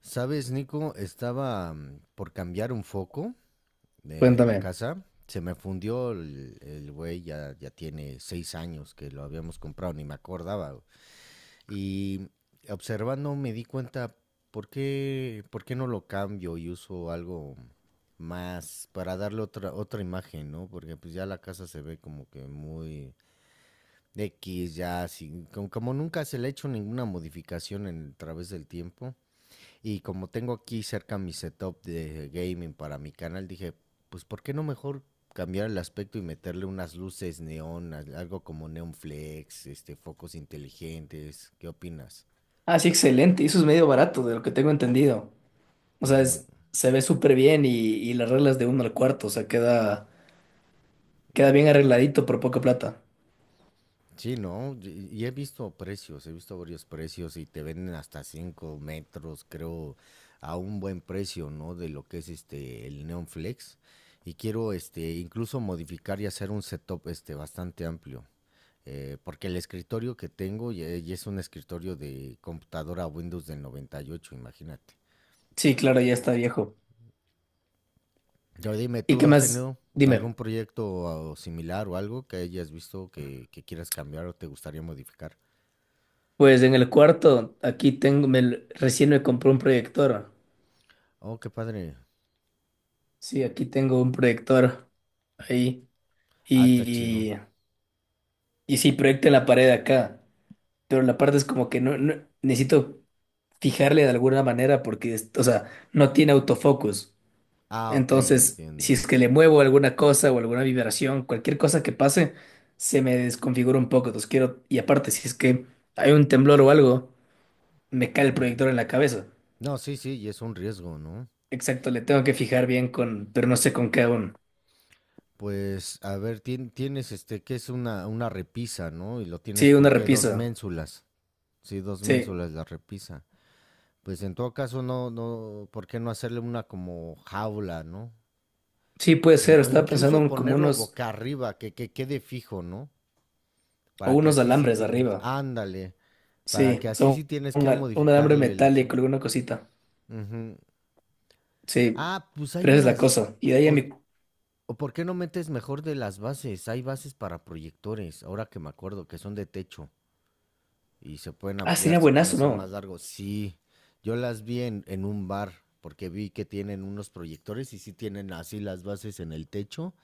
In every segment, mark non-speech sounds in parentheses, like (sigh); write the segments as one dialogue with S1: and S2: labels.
S1: Sabes, Nico, estaba por cambiar un foco de la
S2: Cuéntame.
S1: casa. Se me fundió el güey, ya tiene 6 años que lo habíamos comprado, ni me acordaba. Güey. Y observando me di cuenta, ¿por qué no lo cambio y uso algo más para darle otra imagen, ¿no? Porque pues ya la casa se ve como que muy X, ya, sin, como, como nunca se le ha hecho ninguna modificación en, a través del tiempo. Y como tengo aquí cerca mi setup de gaming para mi canal, dije, pues ¿por qué no mejor cambiar el aspecto y meterle unas luces neón, algo como neon flex, este, focos inteligentes? ¿Qué opinas?
S2: Ah, sí, excelente. Y eso es medio barato, de lo que tengo entendido. O sea,
S1: Ujú.
S2: se ve súper bien y las reglas de uno al cuarto. O sea, queda bien arregladito por poca plata.
S1: Sí, no, y he visto precios, he visto varios precios y te venden hasta 5 metros, creo, a un buen precio, ¿no? De lo que es este el Neon Flex. Y quiero este incluso modificar y hacer un setup este bastante amplio. Porque el escritorio que tengo ya, ya es un escritorio de computadora Windows del 98, imagínate.
S2: Sí, claro, ya está viejo.
S1: Yo dime,
S2: ¿Y
S1: ¿tú
S2: qué
S1: has
S2: más?
S1: tenido
S2: Dime.
S1: algún proyecto similar o algo que hayas visto que quieras cambiar o te gustaría modificar?
S2: Pues en el cuarto, recién me compré un proyector.
S1: Oh, qué padre.
S2: Sí, aquí tengo un proyector ahí.
S1: Ah, está chido.
S2: Y, sí, proyecta en la pared de acá. Pero la parte es como que necesito fijarle de alguna manera porque, o sea, no tiene autofocus.
S1: Ah, ok,
S2: Entonces, si
S1: entiendo.
S2: es que le muevo alguna cosa o alguna vibración, cualquier cosa que pase, se me desconfigura un poco. Entonces quiero, y aparte, si es que hay un temblor o algo, me cae el
S1: Mm.
S2: proyector en la cabeza.
S1: No, sí, sí, y es un riesgo, ¿no?
S2: Exacto, le tengo que fijar bien con, pero no sé con qué aún.
S1: Pues, a ver, tienes este, que es una repisa, ¿no? Y lo tienes
S2: Sí,
S1: con
S2: una
S1: qué, dos
S2: repisa.
S1: ménsulas. Sí, dos
S2: Sí,
S1: ménsulas la repisa. Pues en todo caso, no, no, ¿por qué no hacerle una como jaula, no?
S2: sí puede ser.
S1: O
S2: Estaba pensando
S1: incluso
S2: en como
S1: ponerlo
S2: unos,
S1: boca arriba, que quede fijo, ¿no?
S2: o
S1: Para que
S2: unos
S1: así sí
S2: alambres
S1: tienes,
S2: arriba.
S1: ándale, para
S2: Sí,
S1: que así
S2: son
S1: sí tienes que
S2: un alambre
S1: modificarle el
S2: metálico,
S1: zoom.
S2: alguna cosita.
S1: Ujú.
S2: Sí,
S1: Ah, pues hay
S2: pero esa es la
S1: unas,
S2: cosa. Y de ahí a
S1: o,
S2: mi...
S1: o ¿por qué no metes mejor de las bases? Hay bases para proyectores, ahora que me acuerdo, que son de techo. Y se pueden
S2: Ah,
S1: ampliar,
S2: sería
S1: se pueden
S2: buenazo,
S1: hacer más
S2: ¿no?
S1: largos. Sí, yo las vi en un bar porque vi que tienen unos proyectores y sí tienen así las bases en el techo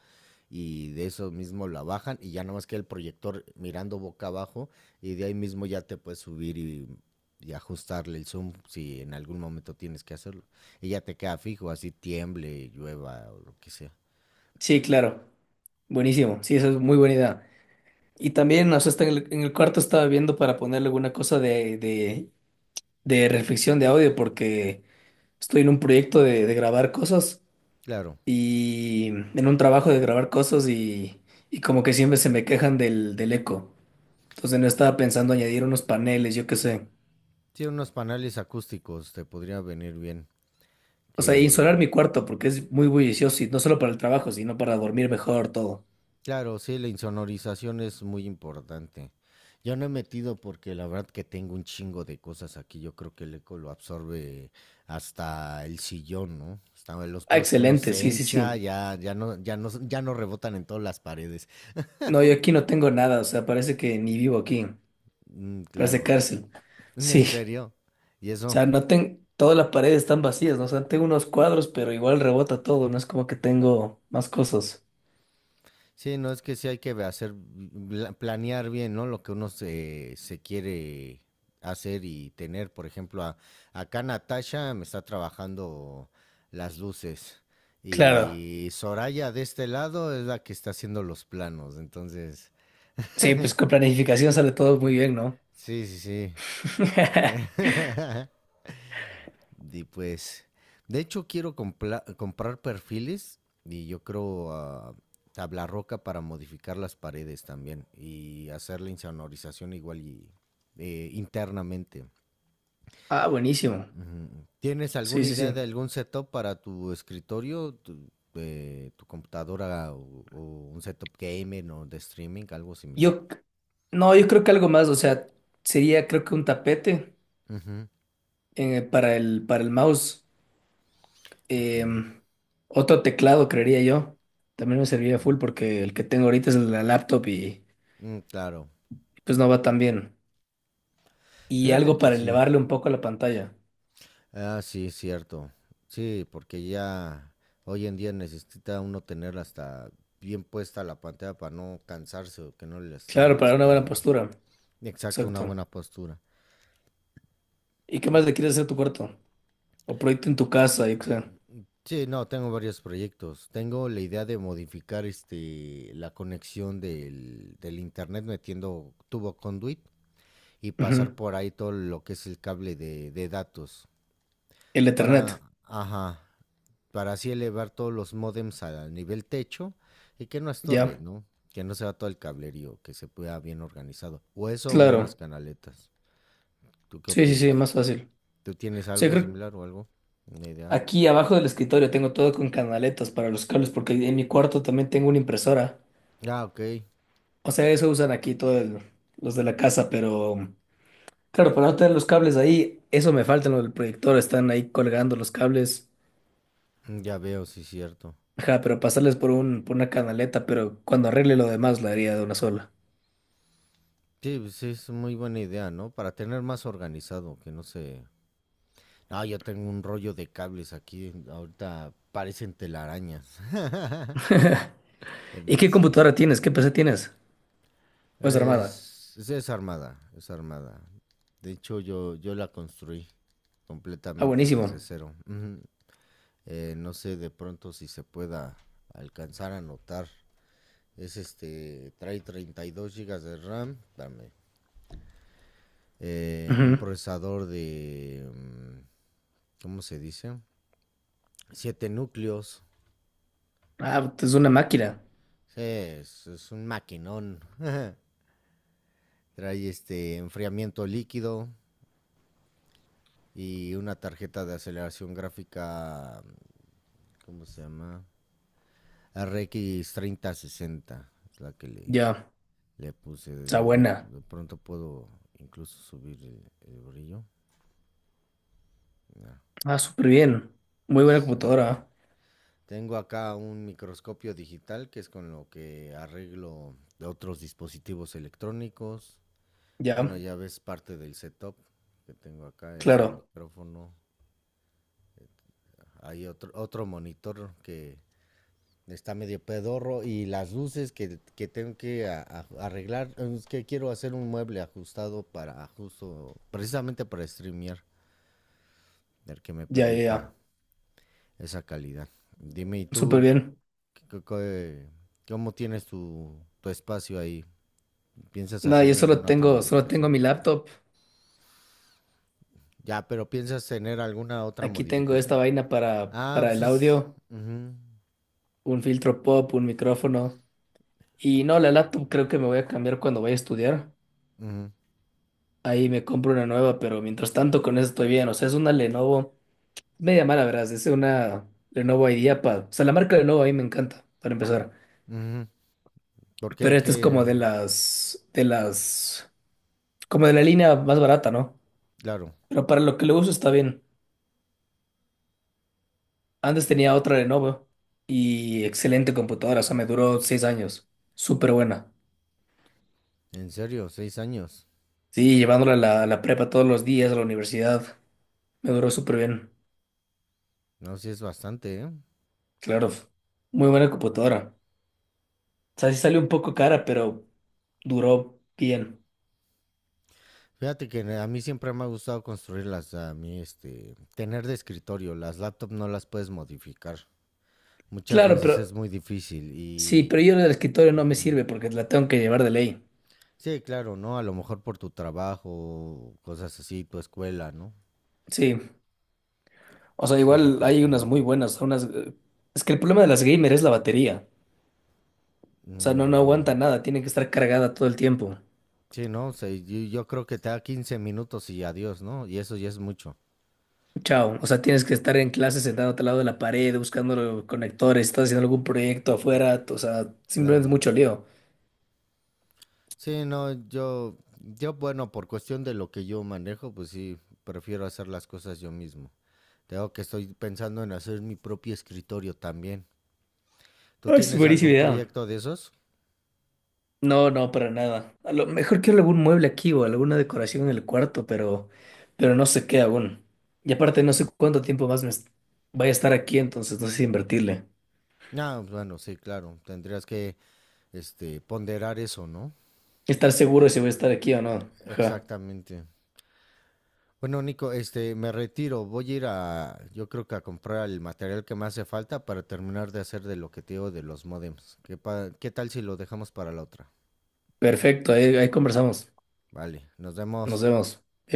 S1: y de eso mismo la bajan y ya nada más que el proyector mirando boca abajo y de ahí mismo ya te puedes subir y ajustarle el zoom si en algún momento tienes que hacerlo. Y ya te queda fijo, así tiemble, llueva o lo que sea.
S2: Sí, claro. Buenísimo. Sí, esa es muy buena idea. Y también, o sea, está en en el cuarto estaba viendo para ponerle alguna cosa de reflexión de audio, porque estoy en un proyecto de grabar cosas
S1: Claro,
S2: y en un trabajo de grabar cosas y como que siempre se me quejan del eco. Entonces no estaba pensando añadir unos paneles, yo qué sé.
S1: tiene unos paneles acústicos, te podría venir bien
S2: O sea,
S1: que.
S2: insolar mi cuarto porque es muy bullicioso y no solo para el trabajo, sino para dormir mejor, todo.
S1: Claro, sí, la insonorización es muy importante. Yo no he metido porque la verdad que tengo un chingo de cosas aquí. Yo creo que el eco lo absorbe hasta el sillón, ¿no? Hasta los
S2: Ah,
S1: pedos que uno
S2: excelente,
S1: se
S2: sí, sí, sí.
S1: hincha, ya, ya no, ya no, ya no rebotan en todas las paredes.
S2: No, yo aquí no tengo nada, o sea, parece que ni vivo aquí,
S1: Mm,
S2: parece
S1: claro,
S2: cárcel.
S1: en
S2: Sí.
S1: serio. Y eso,
S2: Sea, no tengo, todas las paredes están vacías, ¿no? O sea, tengo unos cuadros, pero igual rebota todo, no es como que tengo más cosas.
S1: sí, no, es que sí hay que hacer, planear bien, ¿no? Lo que uno se, se quiere hacer y tener. Por ejemplo, acá Natasha me está trabajando las luces
S2: Claro,
S1: y Soraya de este lado es la que está haciendo los planos. Entonces,
S2: sí, pues con planificación sale todo muy bien, ¿no?
S1: sí, sí, sí.
S2: (laughs)
S1: (laughs) Y pues, de hecho quiero comprar perfiles y yo creo tabla roca para modificar las paredes también y hacer la insonorización igual y internamente.
S2: Ah, buenísimo.
S1: Ujú. ¿Tienes
S2: Sí,
S1: alguna
S2: sí,
S1: idea
S2: sí.
S1: de algún setup para tu escritorio, tu, tu computadora o un setup gamer o de streaming, algo similar?
S2: Yo, c- no, yo creo que algo más, o sea, sería creo que un tapete
S1: Ujú,
S2: para para el mouse,
S1: ok.
S2: em, otro teclado, creería yo. También me serviría full porque el que tengo ahorita es el de la laptop y
S1: Mm, claro.
S2: pues no va tan bien. Y
S1: Fíjate
S2: algo
S1: que
S2: para
S1: sí.
S2: elevarle un poco la pantalla.
S1: Ah, sí, cierto. Sí, porque ya hoy en día necesita uno tener hasta bien puesta la pantalla para no cansarse o que no le lastime
S2: Claro,
S1: la
S2: para una buena
S1: espalda.
S2: postura.
S1: Exacto, una
S2: Exacto.
S1: buena postura.
S2: ¿Y qué más le quieres hacer a tu cuarto? O proyecto en tu casa, yo qué sé.
S1: Sí, no, tengo varios proyectos. Tengo la idea de modificar este la conexión del internet metiendo tubo conduit y pasar
S2: Ujú.
S1: por ahí todo lo que es el cable de datos.
S2: El
S1: Para,
S2: Ethernet.
S1: ajá, para así elevar todos los módems al nivel techo y que no estorbe,
S2: Ya.
S1: ¿no? Que no se va todo el cablerío, que se pueda bien organizado. O eso, unas
S2: Claro.
S1: canaletas. ¿Tú qué
S2: Sí, sí, sí,
S1: opinas?
S2: más fácil.
S1: ¿Tú
S2: O
S1: tienes
S2: sea,
S1: algo
S2: creo que
S1: similar o algo? Una idea.
S2: aquí abajo del escritorio tengo todo con canaletas para los cables, porque en mi cuarto también tengo una impresora.
S1: Ah, ok.
S2: O sea, eso usan aquí todos los de la casa, pero claro, para no tener los cables ahí, eso me falta, lo del proyector, están ahí colgando los cables.
S1: Ya veo, sí, cierto.
S2: Ajá, pero pasarles por por una canaleta, pero cuando arregle lo demás la haría de una sola.
S1: Sí, pues sí, es muy buena idea, ¿no? Para tener más organizado, que no se... Ah, yo tengo un rollo de cables aquí. Ahorita parecen telarañas. (laughs)
S2: ¿Y qué
S1: Sí.
S2: computadora tienes? ¿Qué PC tienes? ¿O es armada?
S1: Es armada, es armada. De hecho, yo la construí
S2: Ah,
S1: completamente desde
S2: buenísimo.
S1: cero. Ujú. No sé de pronto si se pueda alcanzar a notar. Es este, trae 32 gigas de RAM, dame. Un
S2: Ujú.
S1: procesador de, ¿cómo se dice? 7 núcleos.
S2: Ah, es una máquina.
S1: Sí, es un maquinón. (laughs) Trae este enfriamiento líquido y una tarjeta de aceleración gráfica. ¿Cómo se llama? RX 3060 es la que le,
S2: Ya,
S1: le puse.
S2: está
S1: De,
S2: buena.
S1: de pronto puedo incluso subir el brillo. Ya,
S2: Ah, súper bien. Muy buena
S1: sí.
S2: computadora. ¿Ah?
S1: Tengo acá un microscopio digital que es con lo que arreglo de otros dispositivos electrónicos.
S2: Ya,
S1: Bueno, ya ves parte del setup que tengo acá, es el
S2: claro.
S1: micrófono. Hay otro, otro monitor que está medio pedorro y las luces que tengo que arreglar, es que quiero hacer un mueble ajustado para justo, precisamente para streamear, el que me
S2: Ya, ya,
S1: permita
S2: ya.
S1: esa calidad. Dime, ¿y
S2: Súper
S1: tú
S2: bien.
S1: qué- qué- cómo tienes tu, tu espacio ahí? ¿Piensas
S2: Nada,
S1: hacer alguna otra
S2: solo tengo
S1: modificación?
S2: mi laptop.
S1: Ya, pero ¿piensas tener alguna otra
S2: Aquí tengo esta
S1: modificación?
S2: vaina
S1: Ah,
S2: para
S1: pues
S2: el
S1: es...
S2: audio,
S1: ujú,
S2: un filtro pop, un micrófono. Y no, la laptop creo que me voy a cambiar cuando vaya a estudiar.
S1: ujú,
S2: Ahí me compro una nueva, pero mientras tanto con eso estoy bien. O sea, es una Lenovo. Media mala, verás. Es una Lenovo IdeaPad. O sea, la marca Lenovo a mí me encanta, para empezar.
S1: ujú. ¿Por
S2: Pero
S1: qué?
S2: esta es
S1: ¿Qué?
S2: como de como de la línea más barata, ¿no?
S1: Claro,
S2: Pero para lo que le uso está bien. Antes tenía otra Lenovo y excelente computadora. O sea, me duró 6 años. Súper buena.
S1: en serio, 6 años.
S2: Sí, llevándola a a la prepa todos los días, a la universidad. Me duró súper bien.
S1: No, sí es bastante, ¿eh?
S2: Claro, muy buena computadora. O sea, sí salió un poco cara, pero duró bien.
S1: Fíjate que a mí siempre me ha gustado construirlas, a mí este, tener de escritorio, las laptops no las puedes modificar, muchas
S2: Claro, pero
S1: veces es muy difícil
S2: sí, pero
S1: y...
S2: yo la del escritorio no me
S1: Ujú.
S2: sirve porque la tengo que llevar de ley.
S1: Sí, claro, ¿no? A lo mejor por tu trabajo, cosas así, tu escuela, ¿no?
S2: Sí. O sea,
S1: Sí,
S2: igual hay unas muy
S1: definitivamente.
S2: buenas, unas... es que el problema de las gamer es la batería. O sea, no aguanta
S1: Ujú.
S2: nada, tiene que estar cargada todo el tiempo.
S1: Sí, no, sí, yo creo que te da 15 minutos y adiós, ¿no? Y eso ya es mucho.
S2: Chao. O sea, tienes que estar en clase sentado al lado de la pared, buscando los conectores, estás haciendo algún proyecto afuera. O sea, simplemente es
S1: Claro.
S2: mucho lío.
S1: Sí, no, bueno, por cuestión de lo que yo manejo, pues sí, prefiero hacer las cosas yo mismo. Tengo que estoy pensando en hacer mi propio escritorio también. ¿Tú
S2: Ay, es
S1: tienes
S2: buenísima
S1: algún
S2: idea.
S1: proyecto de esos?
S2: No, no, para nada. A lo mejor quiero algún mueble aquí o alguna decoración en el cuarto, pero no sé qué aún. Y aparte no sé cuánto tiempo más voy a estar aquí, entonces no sé si invertirle.
S1: No, bueno, sí, claro. Tendrías que este, ponderar eso, ¿no?
S2: Estar seguro de si voy a estar aquí o no. Ajá.
S1: Exactamente. Bueno, Nico, este, me retiro. Voy a ir a, yo creo que a comprar el material que me hace falta para terminar de hacer de lo que te digo de los modems. ¿Qué tal si lo dejamos para la otra?
S2: Perfecto, ahí, ahí conversamos.
S1: Vale, nos
S2: Nos
S1: vemos.
S2: vemos.